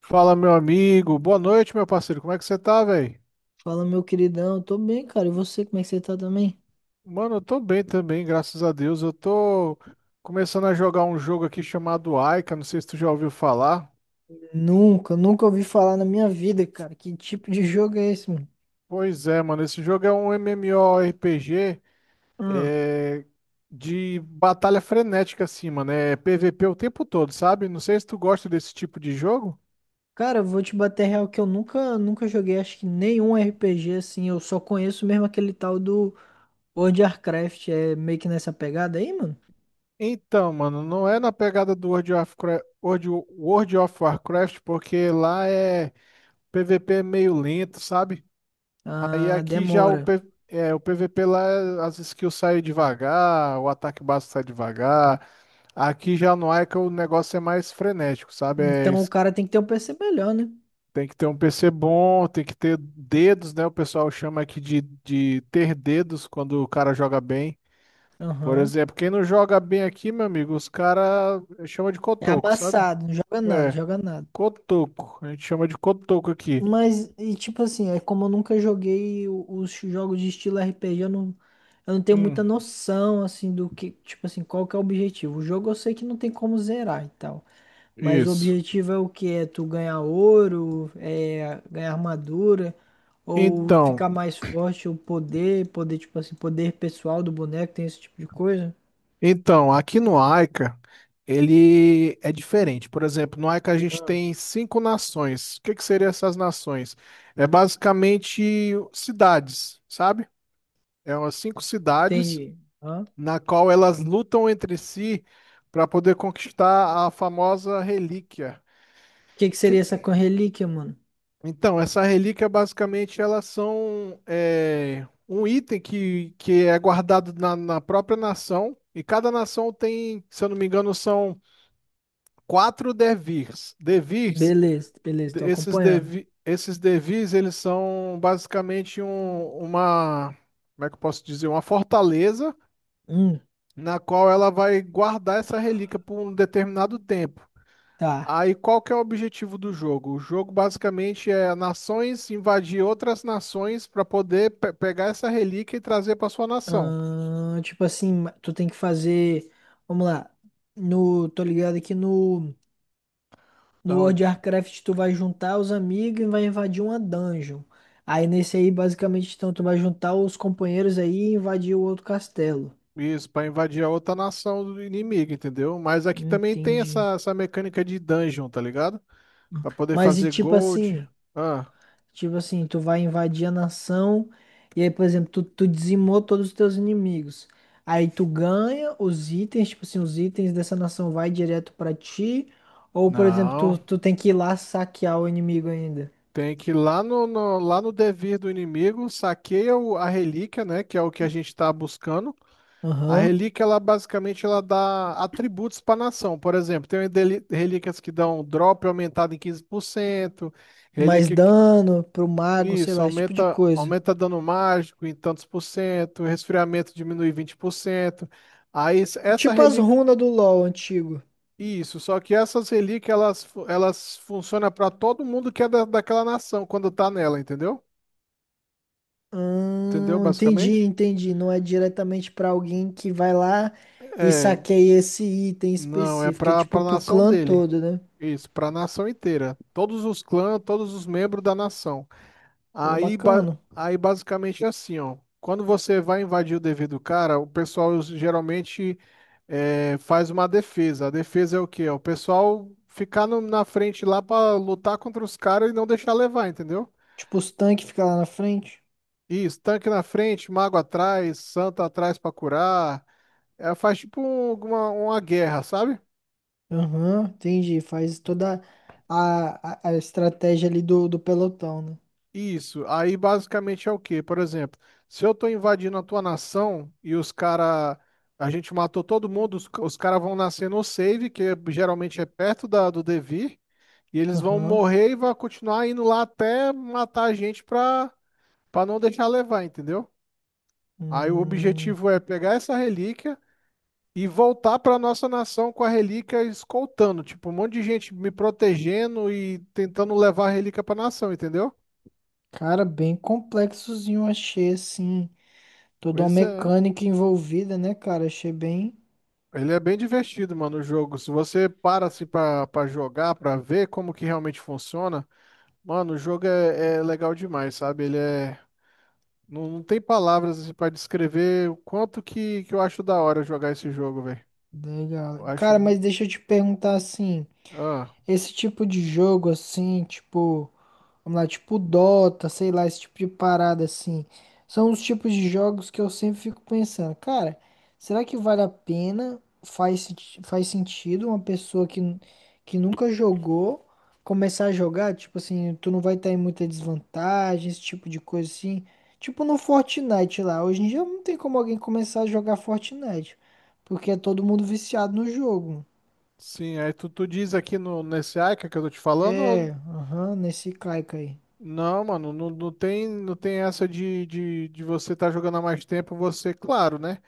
Fala, meu amigo. Boa noite, meu parceiro. Como é que você tá, velho? Fala, meu queridão, eu tô bem, cara. E você, como é que você tá também? Mano, eu tô bem também, graças a Deus. Eu tô começando a jogar um jogo aqui chamado Aika. Não sei se tu já ouviu falar. Nunca ouvi falar na minha vida, cara. Que tipo de jogo é esse, mano? Pois é, mano. Esse jogo é um MMORPG, Ah, é, de batalha frenética, assim, mano. É PVP o tempo todo, sabe? Não sei se tu gosta desse tipo de jogo. cara, eu vou te bater real que eu nunca joguei, acho que nenhum RPG assim. Eu só conheço mesmo aquele tal do World of Warcraft. É meio que nessa pegada aí, mano? Então, mano, não é na pegada do World of Warcraft, porque lá é PVP meio lento, sabe? Aí Ah, aqui já o, demora. P- é, o PVP lá, as skills saem devagar, o ataque básico sai devagar. Aqui já no Ica o negócio é mais frenético, sabe? É Então o es- cara tem que ter um PC melhor, né? tem que ter um PC bom, tem que ter dedos, né? O pessoal chama aqui de ter dedos quando o cara joga bem. Por Aham. exemplo, quem não joga bem aqui, meu amigo, os caras chama de É cotoco, sabe? amassado, não joga nada, É, joga nada. cotoco. A gente chama de cotoco aqui. Mas, e tipo assim, é como eu nunca joguei os jogos de estilo RPG, eu não tenho Hum, muita noção, assim, do que, tipo assim, qual que é o objetivo. O jogo eu sei que não tem como zerar e tal, mas o isso. objetivo é o que? É tu ganhar ouro, é ganhar armadura, ou Então. ficar mais forte, ou poder, tipo assim, poder pessoal do boneco, tem esse tipo de coisa? Então, aqui no AICA, ele é diferente. Por exemplo, no AICA a gente Ah, tem cinco nações. O que que seriam essas nações? É basicamente cidades, sabe? É umas cinco cidades entendi. O na qual elas lutam entre si para poder conquistar a famosa relíquia. que que seria Que- essa relíquia, mano? Então, essa relíquia basicamente elas são um item que é guardado na própria nação. E cada nação tem, se eu não me engano, são quatro devirs. Devirs, Beleza, beleza, tô esses, acompanhando. devi, esses devirs, eles são basicamente uma, como é que eu posso dizer, uma fortaleza Hum, na qual ela vai guardar essa relíquia por um determinado tempo. tá. Aí qual que é o objetivo do jogo? O jogo basicamente é nações invadir outras nações para poder pegar essa relíquia e trazer para sua nação. Ah, tipo assim, tu tem que fazer. Vamos lá. No, tô ligado aqui no Da World onde? of Warcraft, tu vai juntar os amigos e vai invadir uma dungeon. Aí nesse aí, basicamente, então, tu vai juntar os companheiros aí e invadir o outro castelo. Isso, para invadir a outra nação do inimigo, entendeu? Mas aqui também tem Entendi. essa mecânica de dungeon, tá ligado? Para poder Mas e fazer tipo gold. assim. Ah, Tipo assim, tu vai invadir a nação e aí, por exemplo, tu dizimou todos os teus inimigos. Aí tu ganha os itens, tipo assim, os itens dessa nação vai direto pra ti. Ou, por exemplo, não. tu tem que ir lá saquear o inimigo ainda. Tem que ir lá no devir do inimigo, saqueia a relíquia, né? Que é o que a gente está buscando. A Aham. relíquia, ela basicamente ela dá atributos pra nação. Por exemplo, tem relíquias que dão drop aumentado em 15%. Mais relíquia que- dano pro mago, sei isso, lá, esse tipo de aumenta, coisa. aumenta dano mágico em tantos por cento, resfriamento diminui 20%. Aí s- essa Tipo as relíquia runas do LoL antigo. Isso, só que essas relíquias, elas funcionam para todo mundo que é daquela nação, quando tá nela, entendeu? Entendeu, Entendi, basicamente? entendi. Não é diretamente pra alguém que vai lá e É, saqueia esse item não, é específico. É para tipo para pro nação clã dele. todo, né? Isso, para nação inteira. Todos os clãs, todos os membros da nação. Pô, Aí, ba- bacana. aí basicamente é assim, ó. Quando você vai invadir o dever do cara, o pessoal geralmente faz uma defesa. A defesa é o quê? É o pessoal ficar na frente lá para lutar contra os caras e não deixar levar, entendeu? Tipo, os tanques ficam lá na frente. Isso, tanque na frente, mago atrás, santo atrás pra curar. É, faz tipo uma guerra, sabe? Aham, entendi. Faz toda a estratégia ali do pelotão, né? Isso. Aí basicamente é o quê? Por exemplo, se eu tô invadindo a tua nação e os cara, a gente matou todo mundo, os caras vão nascer no save, geralmente é perto do Devir, e eles vão Aham. morrer e vão continuar indo lá até matar a gente pra não deixar levar, entendeu? Aí o Hum, objetivo é pegar essa relíquia e voltar para nossa nação com a relíquia, escoltando, tipo, um monte de gente me protegendo e tentando levar a relíquia para nação, entendeu? cara, bem complexozinho, achei, assim. Toda uma Pois é. mecânica envolvida, né, cara? Achei bem Ele é bem divertido, mano, o jogo. Se você para assim para jogar, para ver como que realmente funciona, mano, o jogo é legal demais, sabe? Ele é não, não tem palavras assim, para descrever o quanto que eu acho da hora jogar esse jogo, velho. legal. Eu acho Cara, mas bu- deixa eu te perguntar assim. ah, Esse tipo de jogo assim, tipo, vamos lá, tipo Dota, sei lá, esse tipo de parada assim, são os tipos de jogos que eu sempre fico pensando, cara, será que vale a pena? Faz, faz sentido uma pessoa que, que nunca jogou começar a jogar? Tipo assim, tu não vai estar em muita desvantagem, esse tipo de coisa assim. Tipo no Fortnite lá, hoje em dia não tem como alguém começar a jogar Fortnite, porque é todo mundo viciado no jogo. sim, aí tu diz aqui no nesse Aika que eu tô te falando, É, ou... aham, nesse caico aí. Não, mano, não, não tem essa de você estar jogando há mais tempo, você, claro, né?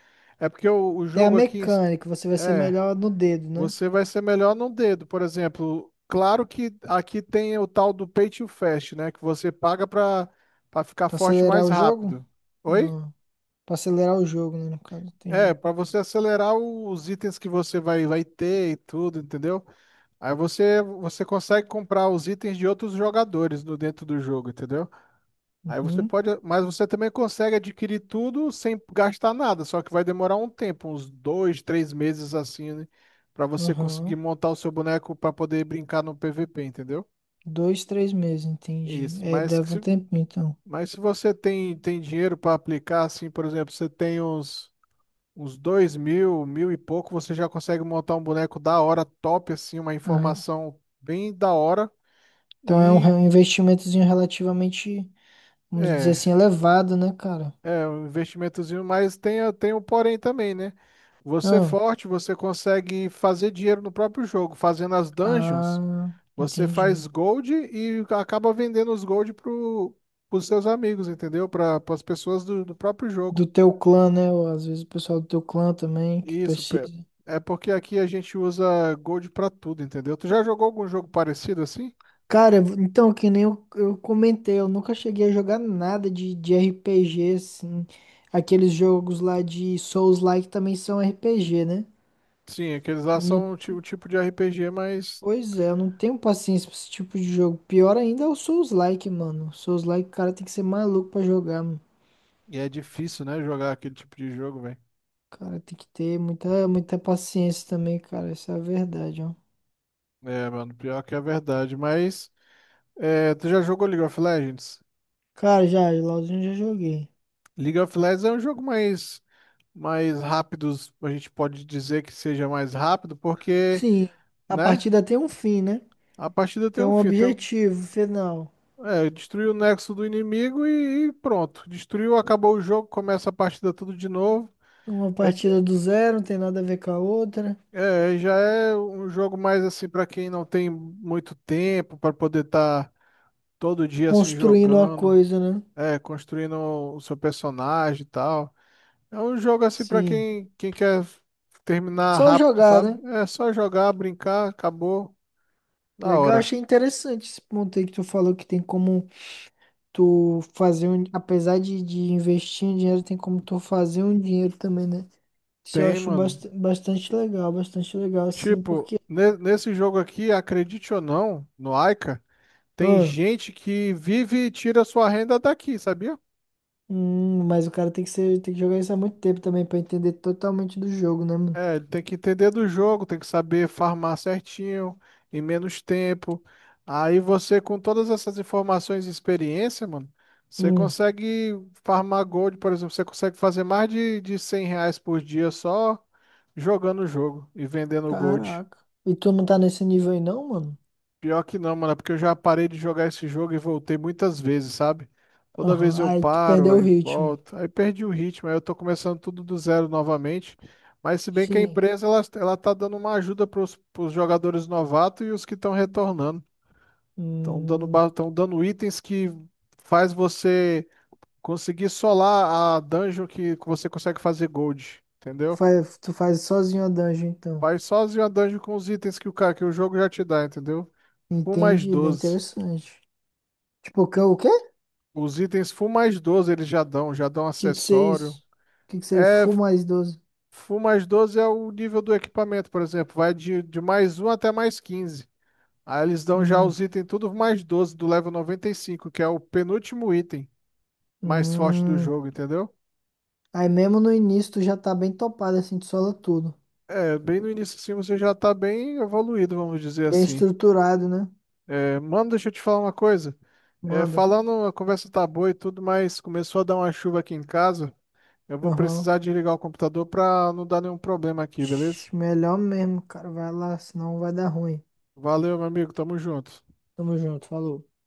É porque o Tem a jogo aqui, mecânica, você vai ser é, melhor no dedo, né? você vai ser melhor num dedo, por exemplo. Claro que aqui tem o tal do Pay to Fast, né? Que você paga pra ficar Pra forte acelerar mais o jogo? rápido. Oi? Ah, pra acelerar o jogo, né, no caso, É, entendi. pra você acelerar os itens que você vai ter e tudo, entendeu? Aí você consegue comprar os itens de outros jogadores no, dentro do jogo, entendeu? Aí você Uhum, pode, mas você também consegue adquirir tudo sem gastar nada, só que vai demorar um tempo, uns 2, 3 meses assim, né? Para você conseguir aham. montar o seu boneco para poder brincar no PVP, entendeu? Dois, três meses, entendi. Isso. É, Mas que deve um se, tempinho, então. mas se você tem dinheiro para aplicar, assim, por exemplo, você tem uns 2 mil, mil e pouco, você já consegue montar um boneco da hora, top, assim, uma Ah, informação bem da hora. então é um e um investimentozinho relativamente, vamos dizer é, assim, elevado, né, cara? É um investimentozinho, mas tem o porém também, né? Você é Ah, forte, você consegue fazer dinheiro no próprio jogo. Fazendo as dungeons, ah, você entendi. faz gold e acaba vendendo os gold pros seus amigos, entendeu? Para as pessoas do próprio Do jogo. teu clã, né? Ou às vezes o pessoal do teu clã também, que Isso, precisa. é porque aqui a gente usa gold pra tudo, entendeu? Tu já jogou algum jogo parecido assim? Cara, então, que nem eu, eu comentei, eu nunca cheguei a jogar nada de RPG, assim. Aqueles jogos lá de Souls-like também são RPG, né? Sim, aqueles lá Eu são não, o tipo de RPG, mas pois é, eu não tenho paciência pra esse tipo de jogo. Pior ainda é o Souls-like, mano. Souls-like, o cara tem que ser maluco pra jogar, mano. É difícil, né, jogar aquele tipo de jogo, velho. O cara, tem que ter muita paciência também, cara. Isso é a verdade, ó. É, mano, pior que é verdade, mas tu já jogou League of Legends? Cara, já, LOLzinho eu já joguei. League of Legends é um jogo mais rápido, a gente pode dizer que seja mais rápido, porque, Sim, a né, partida tem um fim, né? a partida tem Tem um um fim, objetivo final. Destruiu o nexo do inimigo e pronto, destruiu, acabou o jogo, começa a partida tudo de novo. Uma é, de- partida do zero, não tem nada a ver com a outra. Já é um jogo mais assim, pra quem não tem muito tempo pra poder estar todo dia assim Construindo uma jogando, coisa, né? Construindo o seu personagem e tal. É um jogo assim pra Sim. quem quer terminar Só rápido, jogar, sabe? né? É só jogar, brincar, acabou, da Legal, hora. achei interessante esse ponto aí que tu falou que tem como tu fazer um. Apesar de investir em dinheiro, tem como tu fazer um dinheiro também, né? Isso eu Tem, acho mano. Bastante legal, assim, Tipo, porque. nesse jogo aqui, acredite ou não, no Aika, tem Ah, gente que vive e tira sua renda daqui, sabia? Mas o cara tem que ser, tem que jogar isso há muito tempo também pra entender totalmente do jogo, né, mano? É, tem que entender do jogo, tem que saber farmar certinho, em menos tempo. Aí você, com todas essas informações e experiência, mano, você Hum, consegue farmar gold. Por exemplo, você consegue fazer mais de R$ 100 por dia, só jogando o jogo e vendendo gold. caraca. E tu não tá nesse nível aí, não, mano? Pior que não, mano, é porque eu já parei de jogar esse jogo e voltei muitas vezes, sabe? Toda Aham, vez eu aí tu paro, perdeu o aí ritmo. volto, aí perdi o ritmo, aí eu tô começando tudo do zero novamente. Mas se bem que a Sim. empresa, ela tá dando uma ajuda pros jogadores novatos e os que estão retornando. Estão dando, Hum, ba- tão dando itens que faz você conseguir solar a dungeon, que você consegue fazer gold, entendeu? faz, tu faz sozinho a dungeon, então. Faz sozinho a dungeon com os itens que o jogo já te dá, entendeu? 1 mais Entendi, bem 12. interessante. Tipo, o quê? O Os itens Full mais 12 eles já dão que que seria isso? acessório. O que que seria É, Full mais 12? Full mais 12 é o nível do equipamento. Por exemplo, vai de mais um até mais 15. Aí eles dão já Hum, os itens tudo mais 12 do level 95, que é o penúltimo item mais forte do hum. jogo, entendeu? Aí mesmo no início tu já tá bem topado, assim, tu sola tudo. É, bem no início assim, você já tá bem evoluído, vamos dizer Bem assim. estruturado, né? É, mano, deixa eu te falar uma coisa. É, Manda. falando, a conversa tá boa e tudo, mas começou a dar uma chuva aqui em casa. Eu vou Aham. precisar desligar o computador pra não dar nenhum problema aqui, beleza? Ixi, melhor mesmo, cara. Vai lá, senão vai dar ruim. Valeu, meu amigo. Tamo junto. Tamo junto, falou.